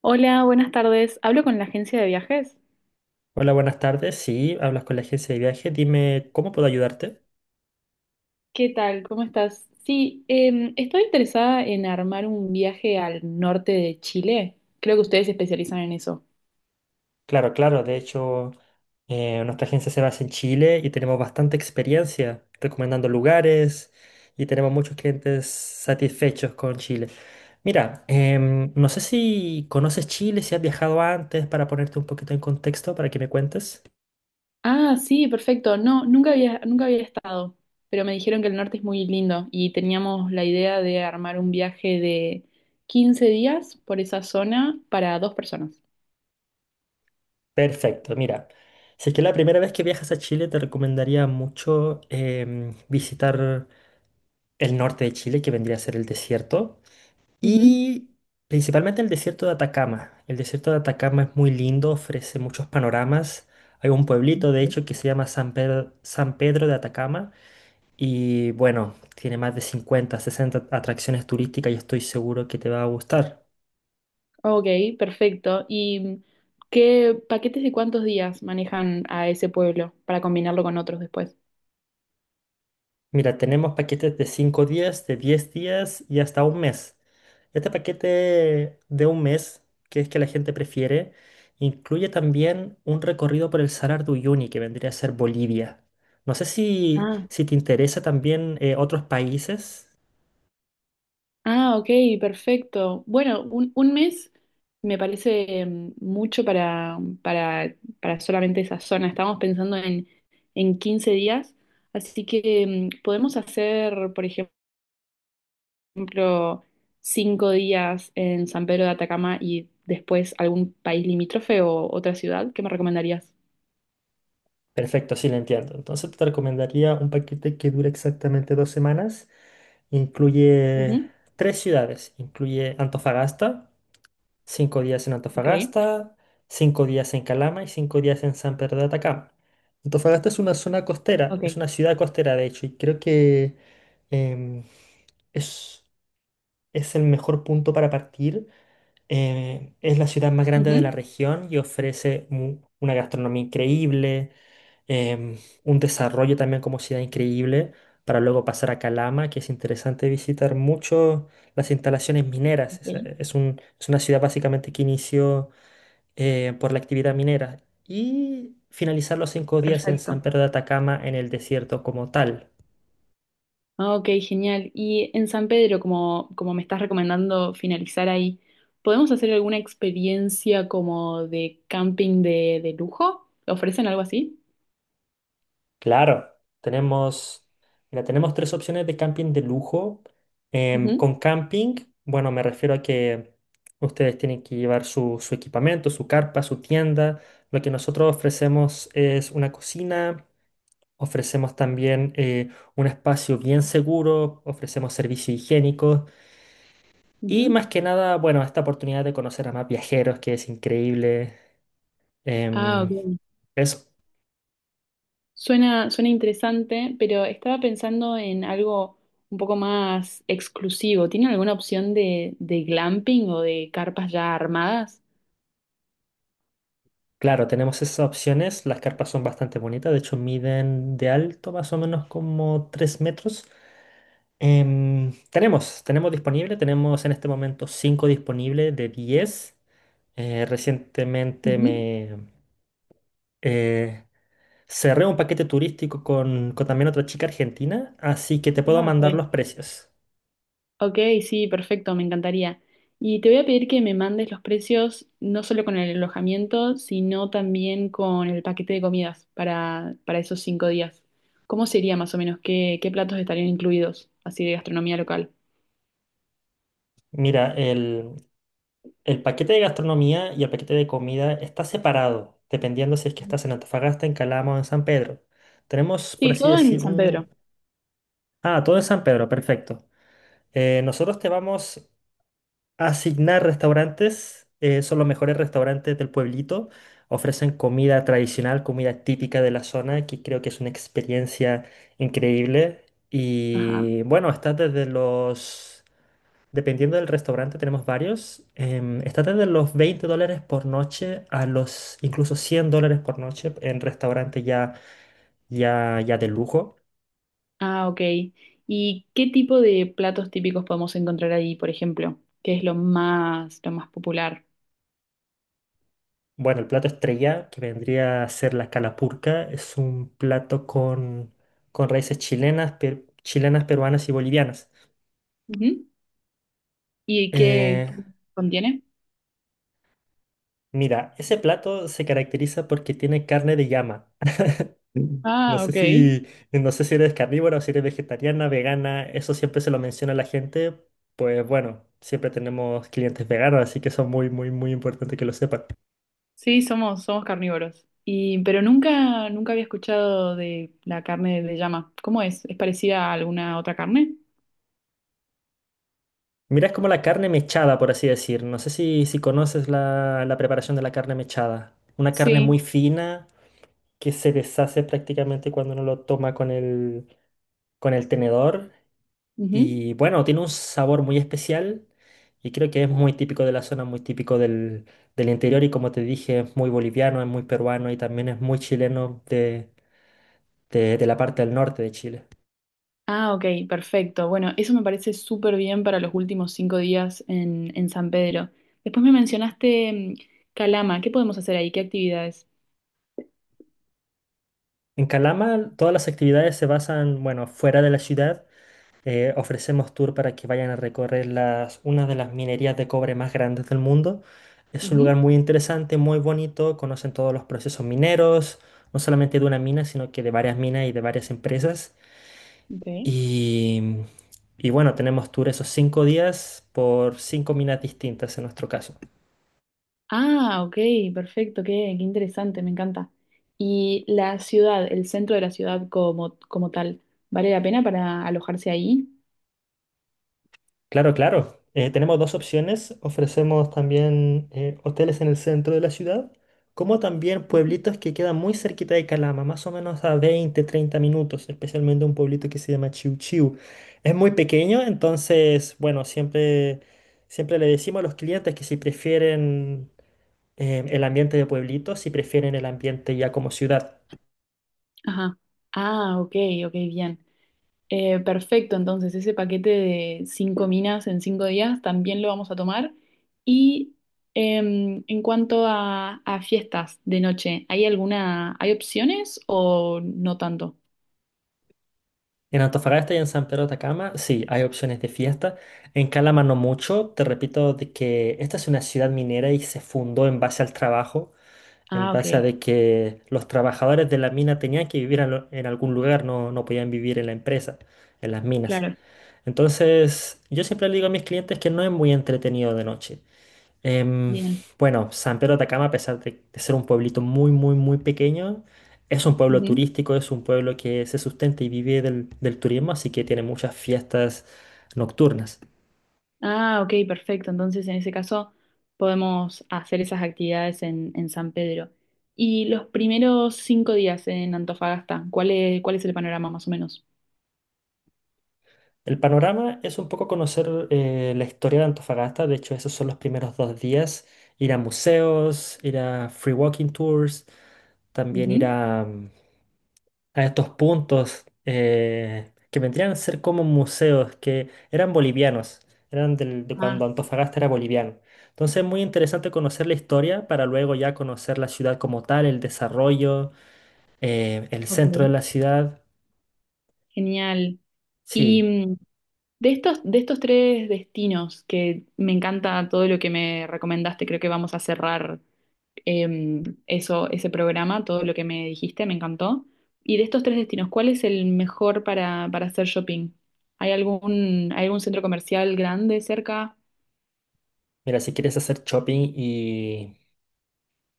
Hola, buenas tardes. Hablo con la agencia de viajes. Hola, buenas tardes. Sí, hablas con la agencia de viaje. Dime, ¿cómo puedo ayudarte? ¿Qué tal? ¿Cómo estás? Sí, estoy interesada en armar un viaje al norte de Chile. Creo que ustedes se especializan en eso. Claro, claro. De hecho, nuestra agencia se basa en Chile y tenemos bastante experiencia recomendando lugares y tenemos muchos clientes satisfechos con Chile. Mira, no sé si conoces Chile, si has viajado antes, para ponerte un poquito en contexto, para que me cuentes. Ah, sí, perfecto. No, nunca había estado, pero me dijeron que el norte es muy lindo y teníamos la idea de armar un viaje de 15 días por esa zona para dos personas. Perfecto, mira. Si es que es la primera vez que viajas a Chile, te recomendaría mucho visitar el norte de Chile, que vendría a ser el desierto. Y principalmente el desierto de Atacama. El desierto de Atacama es muy lindo, ofrece muchos panoramas. Hay un pueblito, de Ujú. hecho, que se llama San Pedro, San Pedro de Atacama. Y bueno, tiene más de 50 60 atracciones turísticas y estoy seguro que te va a gustar. Ok, perfecto. ¿Y qué paquetes de cuántos días manejan a ese pueblo para combinarlo con otros después? Mira, tenemos paquetes de 5 días, de 10 días y hasta un mes. Este paquete de un mes, que es que la gente prefiere, incluye también un recorrido por el Salar de Uyuni, que vendría a ser Bolivia. No sé si, Ah, si te interesa también otros países. Ah, ok, perfecto. Bueno, 1 mes me parece mucho para solamente esa zona. Estamos pensando en 15 días, así que podemos hacer, por ejemplo, 5 días en San Pedro de Atacama y después algún país limítrofe o otra ciudad. ¿Qué me recomendarías? Perfecto, sí, lo entiendo. Entonces te recomendaría un paquete que dura exactamente 2 semanas. Incluye Ujú. tres ciudades. Incluye Antofagasta. 5 días en Ok. Antofagasta, 5 días en Calama y 5 días en San Pedro de Atacama. Antofagasta es una zona costera, es Ok. una ciudad costera de hecho, y creo que em, es es el mejor punto para partir. Es la ciudad más grande de la Ujú. región y ofrece una gastronomía increíble, em, un desarrollo también como ciudad increíble, para luego pasar a Calama, que es interesante visitar mucho las instalaciones mineras. Es, Ok. eh, es un- es una ciudad básicamente que inició por la actividad minera y finalizar los 5 días en Perfecto. San Pedro de Atacama en el desierto como tal. Ah, ok, genial. Y en San Pedro, como me estás recomendando finalizar ahí, ¿podemos hacer alguna experiencia como de camping de lujo? ¿Ofrecen algo así? Claro, tenemos, mira, tenemos tres opciones de camping de lujo. Em, Ujú, con camping, bueno, me refiero a que ustedes tienen que llevar su equipamiento, su carpa, su tienda. Lo que nosotros ofrecemos es una cocina, ofrecemos también un espacio bien seguro, ofrecemos servicios higiénicos y ujú. más que nada, bueno, esta oportunidad de conocer a más viajeros, que es increíble. Ah, Em, ok. eso. Suena interesante, pero estaba pensando en algo un poco más exclusivo. ¿Tienen alguna opción de glamping o de carpas ya armadas? Claro, tenemos esas opciones. Las carpas son bastante bonitas. De hecho, miden de alto más o menos como 3 metros. Tenemos disponible. Tenemos en este momento 5 disponibles de 10. Recientemente Ujú. me eh, cerré un paquete turístico con también otra chica argentina, así que te puedo Ah, ok. mandar los precios. Ok, sí, perfecto, me encantaría. Y te voy a pedir que me mandes los precios, no solo con el alojamiento, sino también con el paquete de comidas para esos 5 días. ¿Cómo sería más o menos? ¿ qué platos estarían incluidos, así de gastronomía local? Mira, el paquete de gastronomía y el paquete de comida está separado, dependiendo si es que Ujú. estás en Antofagasta, en Calama o en San Pedro. Tenemos, por Sí, así todo en decir, San Pedro. un. Ah, todo en San Pedro, perfecto. Nosotros te vamos a asignar restaurantes, son los mejores restaurantes del pueblito. Ofrecen comida tradicional, comida típica de la zona, que creo que es una experiencia increíble. Ajá. Y bueno, está desde los. Dependiendo del restaurante, tenemos varios. Está desde los $20 por noche a los incluso $100 por noche en restaurante ya de lujo. Ah, ok. ¿Y qué tipo de platos típicos podemos encontrar ahí, por ejemplo? ¿Qué es lo más popular? Bueno, el plato estrella, que vendría a ser la calapurca, es un plato con raíces chilenas, chilenas, peruanas y bolivianas. Ujú. ¿Y qué Eh, qué contiene? mira, ese plato se caracteriza porque tiene carne de llama. Mm. No Ah, sé ok. si, no sé si eres carnívora o si eres vegetariana, vegana, eso siempre se lo menciona a la gente. Pues bueno, siempre tenemos clientes veganos, así que eso es muy, muy, muy importante que lo sepan. Sí, somos carnívoros. Y, pero nunca había escuchado de la carne de llama. ¿Cómo es? ¿Es parecida a alguna otra carne? Mira, es como la carne mechada, por así decir. No sé si conoces la preparación de la carne mechada. Una carne muy Sí. fina que se deshace prácticamente cuando uno lo toma con el tenedor. Ujú. Y bueno, tiene un sabor muy especial y creo que es muy típico de la zona, muy típico del interior y como te dije, es muy boliviano, es muy peruano y también es muy chileno de la parte del norte de Chile. Ah, ok, perfecto. Bueno, eso me parece súper bien para los últimos 5 días en San Pedro. Después me mencionaste Calama. ¿Qué podemos hacer ahí? ¿Qué actividades? En Calama todas las actividades se basan, bueno, fuera de la ciudad. Ofrecemos tour para que vayan a recorrer una de las minerías de cobre más grandes del mundo. Es un Ujú. lugar muy interesante, muy bonito, conocen todos los procesos mineros, no solamente de una mina, sino que de varias minas y de varias empresas. Ok. Y, y bueno, tenemos tour esos 5 días por cinco minas distintas en nuestro caso. Ah, ok, perfecto. Qué interesante, me encanta. Y la ciudad, el centro de la ciudad como tal, ¿vale la pena para alojarse ahí? Claro, claro. Tenemos dos opciones. Ofrecemos también hoteles en el centro de la ciudad, como también pueblitos que quedan muy cerquita de Calama, más o menos a 20 30 minutos, especialmente un pueblito que se llama Chiu Chiu. Es muy pequeño, entonces, bueno, siempre le decimos a los clientes que si prefieren el ambiente de pueblitos si prefieren el ambiente ya como ciudad. Ajá. Ah, ok, ok, bien. Perfecto, entonces ese paquete de 5 minas en 5 días también lo vamos a tomar. Y en cuanto a fiestas de noche, ¿hay alguna, hay opciones o no tanto? En Antofagasta y en San Pedro de Atacama, sí, hay opciones de fiesta. En Calama no mucho. Te repito de que esta es una ciudad minera y se fundó en base al trabajo, en Ah, base a ok, de que los trabajadores de la mina tenían que vivir en algún lugar, no podían vivir en la empresa, en las minas. claro, Entonces, yo siempre le digo a mis clientes que no es muy entretenido de noche. Em, bien. bueno, San Pedro de Atacama, a pesar de ser un pueblito muy, muy, muy pequeño, es un pueblo Ujú. turístico, es un pueblo que se sustenta y vive del turismo, así que tiene muchas fiestas nocturnas. Ah, ok, perfecto. Entonces, en ese caso, podemos hacer esas actividades en San Pedro. Y los primeros 5 días en Antofagasta, cuál es el panorama más o menos? El panorama es un poco conocer la historia de Antofagasta, de hecho esos son los primeros 2 días, ir a museos, ir a free walking tours, también ir a estos puntos que vendrían a ser como museos, que eran bolivianos, eran de Ah, cuando Antofagasta era boliviano. Entonces es muy interesante conocer la historia para luego ya conocer la ciudad como tal, el desarrollo, el centro de ok. la ciudad. Genial. Y Sí, de estos tres destinos, que me encanta todo lo que me recomendaste, creo que vamos a cerrar eso, ese programa, todo lo que me dijiste, me encantó. Y de estos tres destinos, ¿cuál es el mejor para hacer shopping? Hay algún centro comercial grande cerca? mira, si quieres hacer shopping y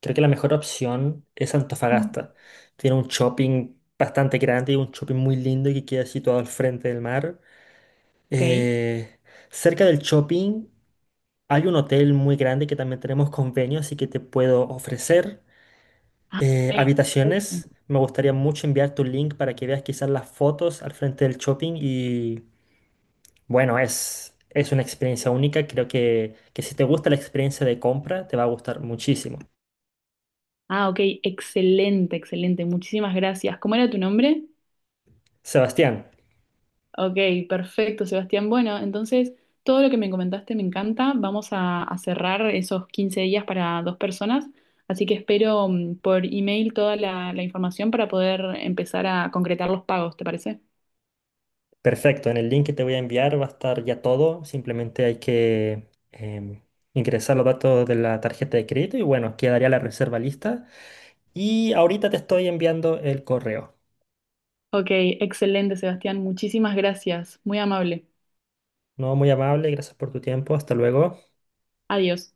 creo que la mejor opción es Mm. Antofagasta. Tiene un shopping bastante grande y un shopping muy lindo que queda situado al frente del mar. Ok. Eh, cerca del shopping. Hay un hotel muy grande que también tenemos convenio, así que te puedo ofrecer Perfecto. habitaciones. Me gustaría mucho enviarte un link para que veas quizás las fotos al frente del shopping y bueno, es una experiencia única. Creo que si te gusta la experiencia de compra, te va a gustar muchísimo. Ah, ok, excelente, excelente. Muchísimas gracias. ¿Cómo era tu nombre? Sebastián, Ok, perfecto, Sebastián. Bueno, entonces todo lo que me comentaste me encanta. Vamos a cerrar esos 15 días para dos personas, así que espero por email toda la información para poder empezar a concretar los pagos, ¿te parece? perfecto. En el link que te voy a enviar va a estar ya todo. Simplemente hay que ingresar los datos de la tarjeta de crédito y bueno, quedaría la reserva lista. Y ahorita te estoy enviando el correo. Ok, excelente, Sebastián. Muchísimas gracias. Muy amable. No, muy amable, gracias por tu tiempo. Hasta luego. Adiós.